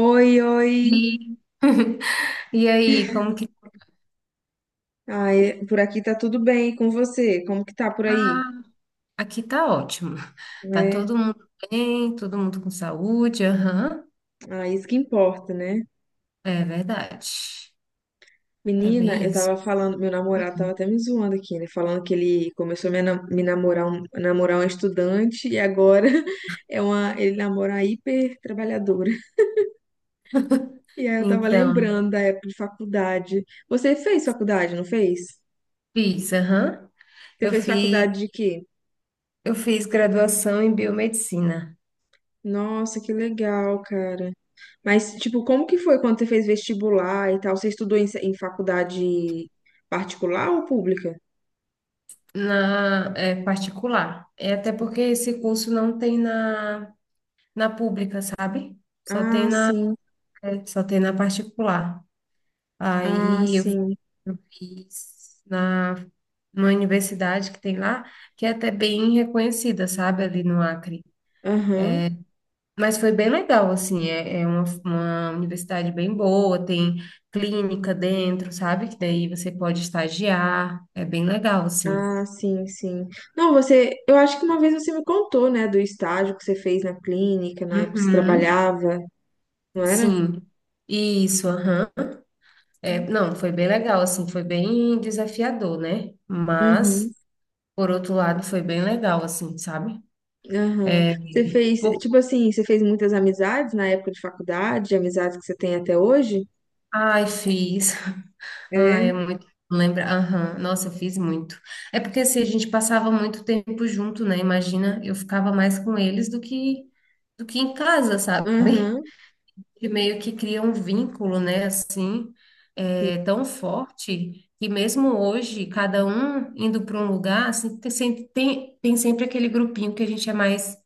Oi, oi. E, e aí, como que Ai, por aqui tá tudo bem e com você? Como que tá por aí? Ah, aqui tá ótimo. Tá É, todo mundo bem, todo mundo com saúde, aham. ah, isso que importa, né? É verdade. É Menina, bem eu isso. tava falando, meu namorado tava até me zoando aqui, né? Falando que ele começou a me namorar, namorar uma estudante e agora é ele namora uma hiper trabalhadora. E aí eu tava Então, lembrando da época de faculdade. Você fez faculdade, não fez? fiz, aham. Você Eu fez fiz, faculdade de quê? eu fiz graduação em biomedicina Nossa, que legal, cara. Mas, tipo, como que foi quando você fez vestibular e tal? Você estudou em faculdade particular ou pública? Particular. É até porque esse curso não tem na pública, sabe? Só tem Ah, na sim. Só tem na particular. Ah, Aí eu fiz sim. eu fiz na uma universidade que tem lá, que é até bem reconhecida, sabe, ali no Acre. Aham. Mas foi bem legal, assim, é uma universidade bem boa, tem clínica dentro, sabe, que daí você pode estagiar, é bem legal, assim. Ah, sim, sim. Não, você, eu acho que uma vez você me contou, né, do estágio que você fez na clínica, na época que você Uhum, trabalhava, não era? sim, isso, aham. É, não, foi bem legal, assim, foi bem desafiador, né? Mas, Uhum. por outro lado, foi bem legal, assim, sabe? Aham. É, Você fez, Por tipo assim, você fez muitas amizades na época de faculdade, amizades que você tem até hoje? Ai, fiz. Ai, é É. muito. Lembra? Aham. Nossa, eu fiz muito. É porque assim, a gente passava muito tempo junto, né? Imagina, eu ficava mais com eles do que em casa, sabe? Aham. E meio que cria um vínculo, né? Assim, Sim. é, tão forte que mesmo hoje, cada um indo para um lugar, assim, tem sempre aquele grupinho que a gente é mais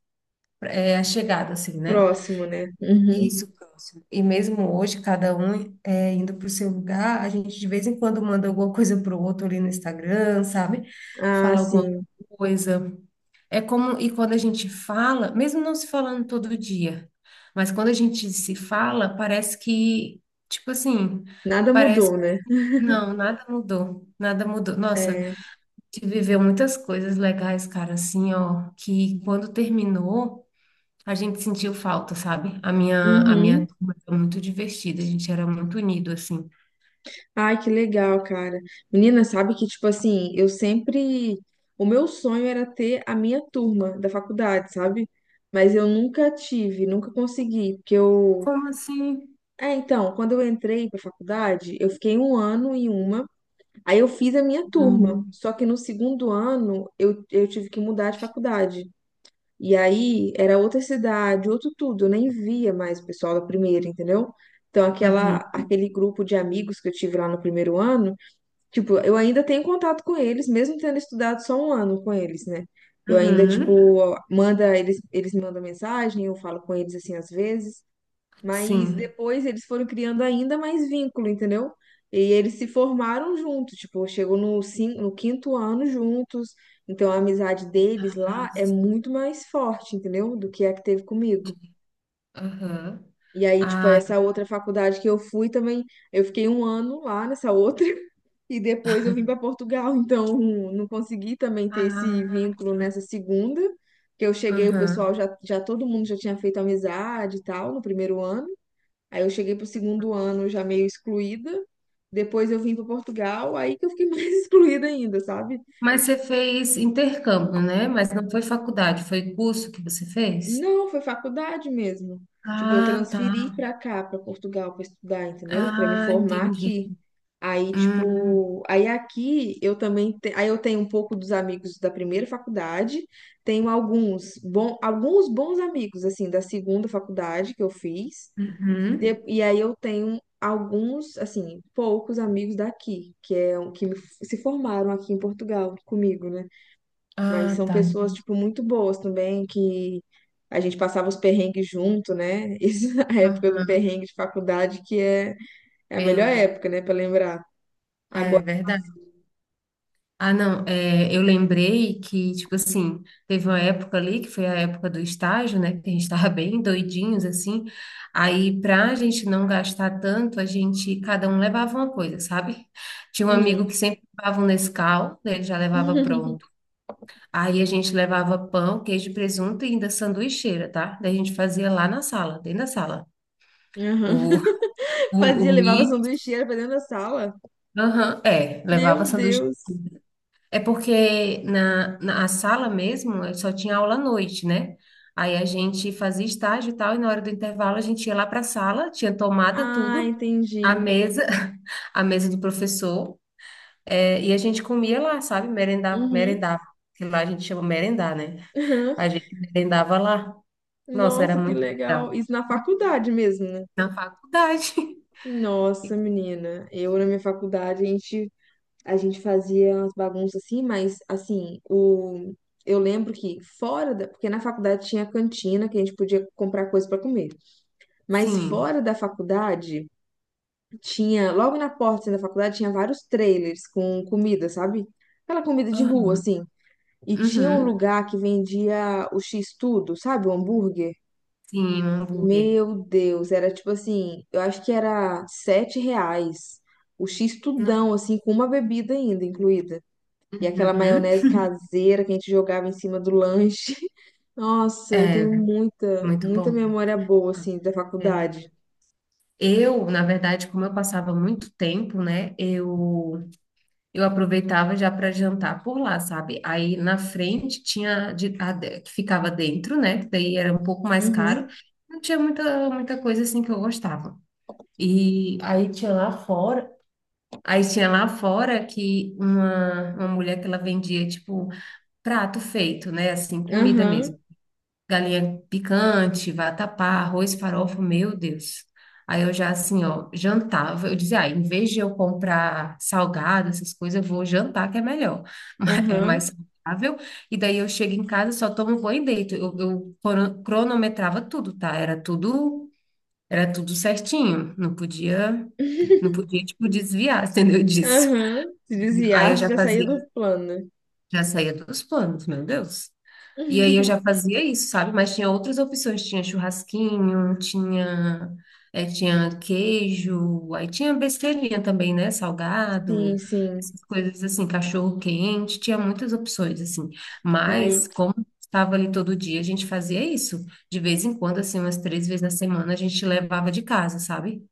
é, achegado, assim, né? Próximo, né? Uhum. Isso, próximo. E mesmo hoje, cada um é, indo para o seu lugar, a gente de vez em quando manda alguma coisa para o outro ali no Instagram, sabe? Ah, Fala alguma sim. coisa. É como, e quando a gente fala, mesmo não se falando todo dia, mas quando a gente se fala, parece que, tipo assim, Nada parece, mudou, né? não, nada mudou, nada mudou. Nossa, É. a gente viveu muitas coisas legais, cara, assim, ó, que quando terminou. A gente sentiu falta, sabe? A minha, a Uhum. minha turma foi muito divertida, a gente era muito unido, assim. Ai, que legal, cara. Menina, sabe que, tipo assim, eu sempre. O meu sonho era ter a minha turma da faculdade, sabe? Mas eu nunca tive, nunca consegui, porque eu. Como assim? É, então, quando eu entrei pra faculdade, eu fiquei um ano em uma, aí eu fiz a minha turma. Uhum, Só que no segundo ano, eu tive que mudar de faculdade. E aí era outra cidade, outro tudo, eu nem via mais o pessoal da primeira, entendeu? Então uhum, aquele grupo de amigos que eu tive lá no primeiro ano, tipo, eu ainda tenho contato com eles, mesmo tendo estudado só um ano com eles, né? Eu ainda, uhum. tipo, manda, eles me mandam mensagem, eu falo com eles assim às vezes. Mas Sim. depois eles foram criando ainda mais vínculo, entendeu? E eles se formaram juntos, tipo, chegou no no quinto ano juntos. Então a amizade deles Ah, lá é sim. muito mais forte, entendeu? Do que a que teve comigo. Aham. E aí, tipo, Ah, essa outra faculdade que eu fui também, eu fiquei um ano lá nessa outra. E depois eu vim para Portugal, então não consegui também ter esse ah, vínculo nessa segunda, que eu cheguei, o pessoal aham. já todo mundo já tinha feito amizade e tal no primeiro ano. Aí eu cheguei pro segundo ano já meio excluída. Depois eu vim para Portugal, aí que eu fiquei mais excluída ainda, sabe? Mas você fez intercâmbio, né? Mas não foi faculdade, foi curso que você fez? Não, foi faculdade mesmo. Tipo, eu Ah, tá. transferi pra cá, pra Portugal, pra estudar, entendeu? Pra me Ah, formar entendi. aqui. Aí, Hum, tipo, aí aqui eu também, te- aí eu tenho um pouco dos amigos da primeira faculdade, tenho alguns bons amigos assim da segunda faculdade que eu fiz. uhum. E aí eu tenho alguns, assim, poucos amigos daqui, que me- se formaram aqui em Portugal comigo, né? Mas Ah, são tá. pessoas, tipo, muito boas também, que a gente passava os perrengues junto, né? Isso a época do Aham, perrengue de faculdade, é a melhor entendi. época, né, pra lembrar. É Agora, verdade. Ah, não, é, eu lembrei que, tipo assim, teve uma época ali, que foi a época do estágio, né, que a gente tava bem doidinhos, assim, aí pra gente não gastar tanto, a gente, cada um levava uma coisa, sabe? Tinha um amigo hum. que sempre levava um Nescau, né, ele já levava pronto, aí a gente levava pão, queijo, presunto e ainda sanduicheira, tá? Daí a gente fazia lá na sala, dentro da sala, Aham. o, o, o Fazia, levava milho, sanduicheira pra dentro da sala. aham, é, levava Meu sanduíche Deus. É porque na, na a sala mesmo só tinha aula à noite, né? Aí a gente fazia estágio e tal, e na hora do intervalo a gente ia lá para a sala, tinha tomada, Ah, tudo, a entendi. mesa, a mesa do professor, e a gente comia lá, sabe? Merendava, Uhum. merendava, que lá a gente chama merendar, né? A gente merendava lá. Nossa, era Nossa, que muito legal. legal. Isso na faculdade mesmo, né? Na faculdade. Nossa, menina. Eu na minha faculdade, a gente fazia umas bagunças assim, mas assim, o, eu lembro que fora da. Porque na faculdade tinha cantina que a gente podia comprar coisa pra comer. Mas Sim. fora da faculdade, tinha. Logo na porta assim, da faculdade tinha vários trailers com comida, sabe? Aquela comida de rua, Aham. assim. E tinha um Uhum. lugar que vendia o X-Tudo, sabe? O hambúrguer. Sim, um hambúrguer. Meu Deus, era tipo assim, eu acho que era 7 reais o X Não- tudão, assim, com uma bebida ainda incluída. E aquela Uhum. maionese caseira que a gente jogava em cima do lanche. Nossa, eu É, tenho muito muita bom, né? memória boa, assim, da É, faculdade. Eu, na verdade, como eu passava muito tempo, né, eu aproveitava já para jantar por lá, sabe? Aí na frente tinha de- a de- que ficava dentro, né, que daí era um pouco mais Uhum, caro. Não tinha muita coisa assim que eu gostava. E aí tinha lá fora, aí tinha lá fora que uma mulher que ela vendia tipo prato feito, né, assim, comida aham, mesmo galinha picante, vatapá, arroz, farofa, meu Deus. Aí eu já assim, ó, jantava. Eu dizia, ah, em vez de eu comprar salgado, essas coisas, eu vou jantar que é melhor. É mais aham, saudável. E daí eu chego em casa, só tomo banho e deito. Cronometrava tudo, tá? Era tudo certinho. Não podia, não podia, tipo, desviar, entendeu? Disso. aham. Se Aí eu desviasse, já já saía do fazia, plano. já saía dos planos, meu Deus. E aí eu já fazia isso, sabe? Mas tinha outras opções, tinha churrasquinho, tinha queijo, aí tinha besteirinha também, né? Salgado, Sim, sim. essas coisas assim, cachorro quente, tinha muitas opções, assim. Ai, Mas como estava ali todo dia, a gente fazia isso. De vez em quando, assim, umas 3 vezes na semana, a gente levava de casa, sabe?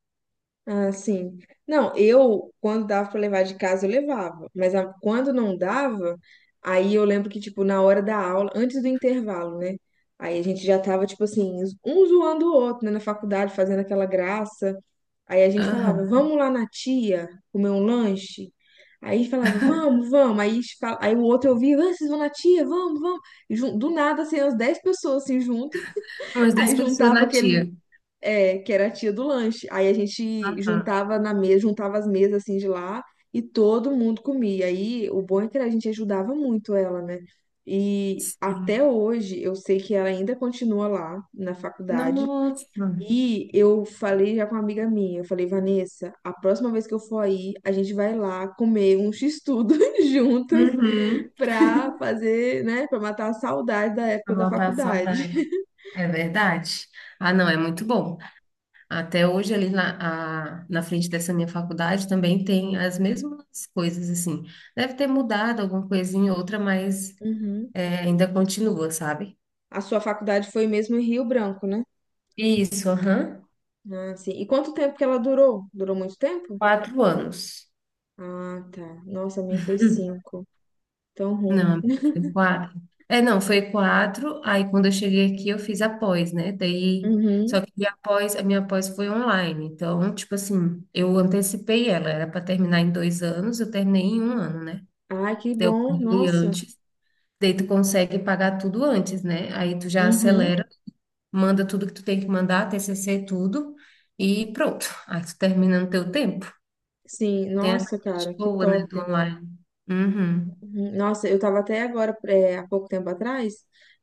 Ah, sim. Não, eu, quando dava pra levar de casa, eu levava. Mas a- quando não dava, aí eu lembro que, tipo, na hora da aula, antes do intervalo, né? Aí a gente já tava, tipo assim, um zoando o outro, né? Na faculdade, fazendo aquela graça. Aí a gente falava, Aham. vamos lá na tia comer um lanche. Aí falava, vamos, vamos. Aí o outro ouvia, "Ah, vocês vão na tia, vamos, vamos. Do nada, assim, umas 10 pessoas, assim, junto. Umas dez Aí pessoas juntava na tia. Que era a tia do lanche. Aí a gente Aham. juntava na mesa, juntava as mesas assim de lá e todo mundo comia. Aí o bom é que a gente ajudava muito ela, né? E até Sim. hoje eu sei que ela ainda continua lá na faculdade. Nossa. E eu falei já com uma amiga minha, eu falei, Vanessa, a próxima vez que eu for aí, a gente vai lá comer um x-tudo juntas Uhum. pra fazer, né, pra matar a saudade da Pra época da matar a faculdade. saudade. É verdade. Ah, não, é muito bom. Até hoje, na frente dessa minha faculdade, também tem as mesmas coisas, assim. Deve ter mudado alguma coisinha ou outra, mas Uhum. é, ainda continua, sabe? A sua faculdade foi mesmo em Rio Branco, né? Isso, aham. Ah, sim. E quanto tempo que ela durou? Durou muito tempo? 4 anos. Ah, tá. Nossa, a minha foi Uhum. cinco. Tão ruim. Não, foi quatro. É, não, foi quatro. Aí, quando eu cheguei aqui, eu fiz a pós, né? Daí, só Uhum. que a pós, a minha pós foi online. Então, tipo assim, eu antecipei ela. Era para terminar em 2 anos, eu terminei em um ano, né? Ai, que Eu bom. paguei Nossa. antes. Daí tu consegue pagar tudo antes, né? Aí tu já Uhum. acelera, manda tudo que tu tem que mandar, TCC tudo, e pronto. Aí tu termina no teu tempo. Sim, Tem a nossa, parte cara, que boa, né, top. do online. Uhum. Uhum. Nossa, eu tava até agora, é, há pouco tempo atrás,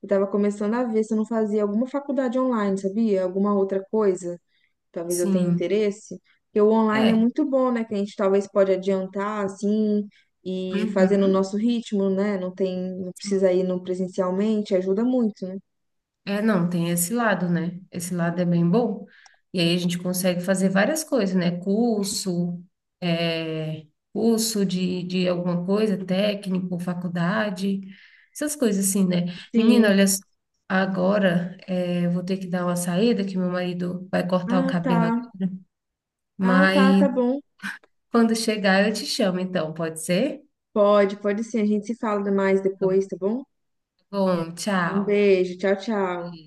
eu tava começando a ver se eu não fazia alguma faculdade online, sabia? Alguma outra coisa. Talvez eu tenha Sim. interesse, porque o online é É. muito bom, né? Que a gente talvez pode adiantar assim e fazer no Uhum. nosso ritmo, né? Não tem, não precisa ir no presencialmente, ajuda muito, né? É, não, tem esse lado, né? Esse lado é bem bom. E aí a gente consegue fazer várias coisas, né? Curso, é, curso de alguma coisa, técnico, faculdade, essas coisas assim, né? Menina, Sim. olha, só, eu vou ter que dar uma saída, que meu marido vai cortar o Ah, tá. cabelo agora. Ah, tá, tá Mas bom. quando chegar eu te chamo, então, pode ser? Pode, pode sim. A gente se fala mais Então, tá depois, tá bom? Bom, Um tchau. beijo, tchau, tchau.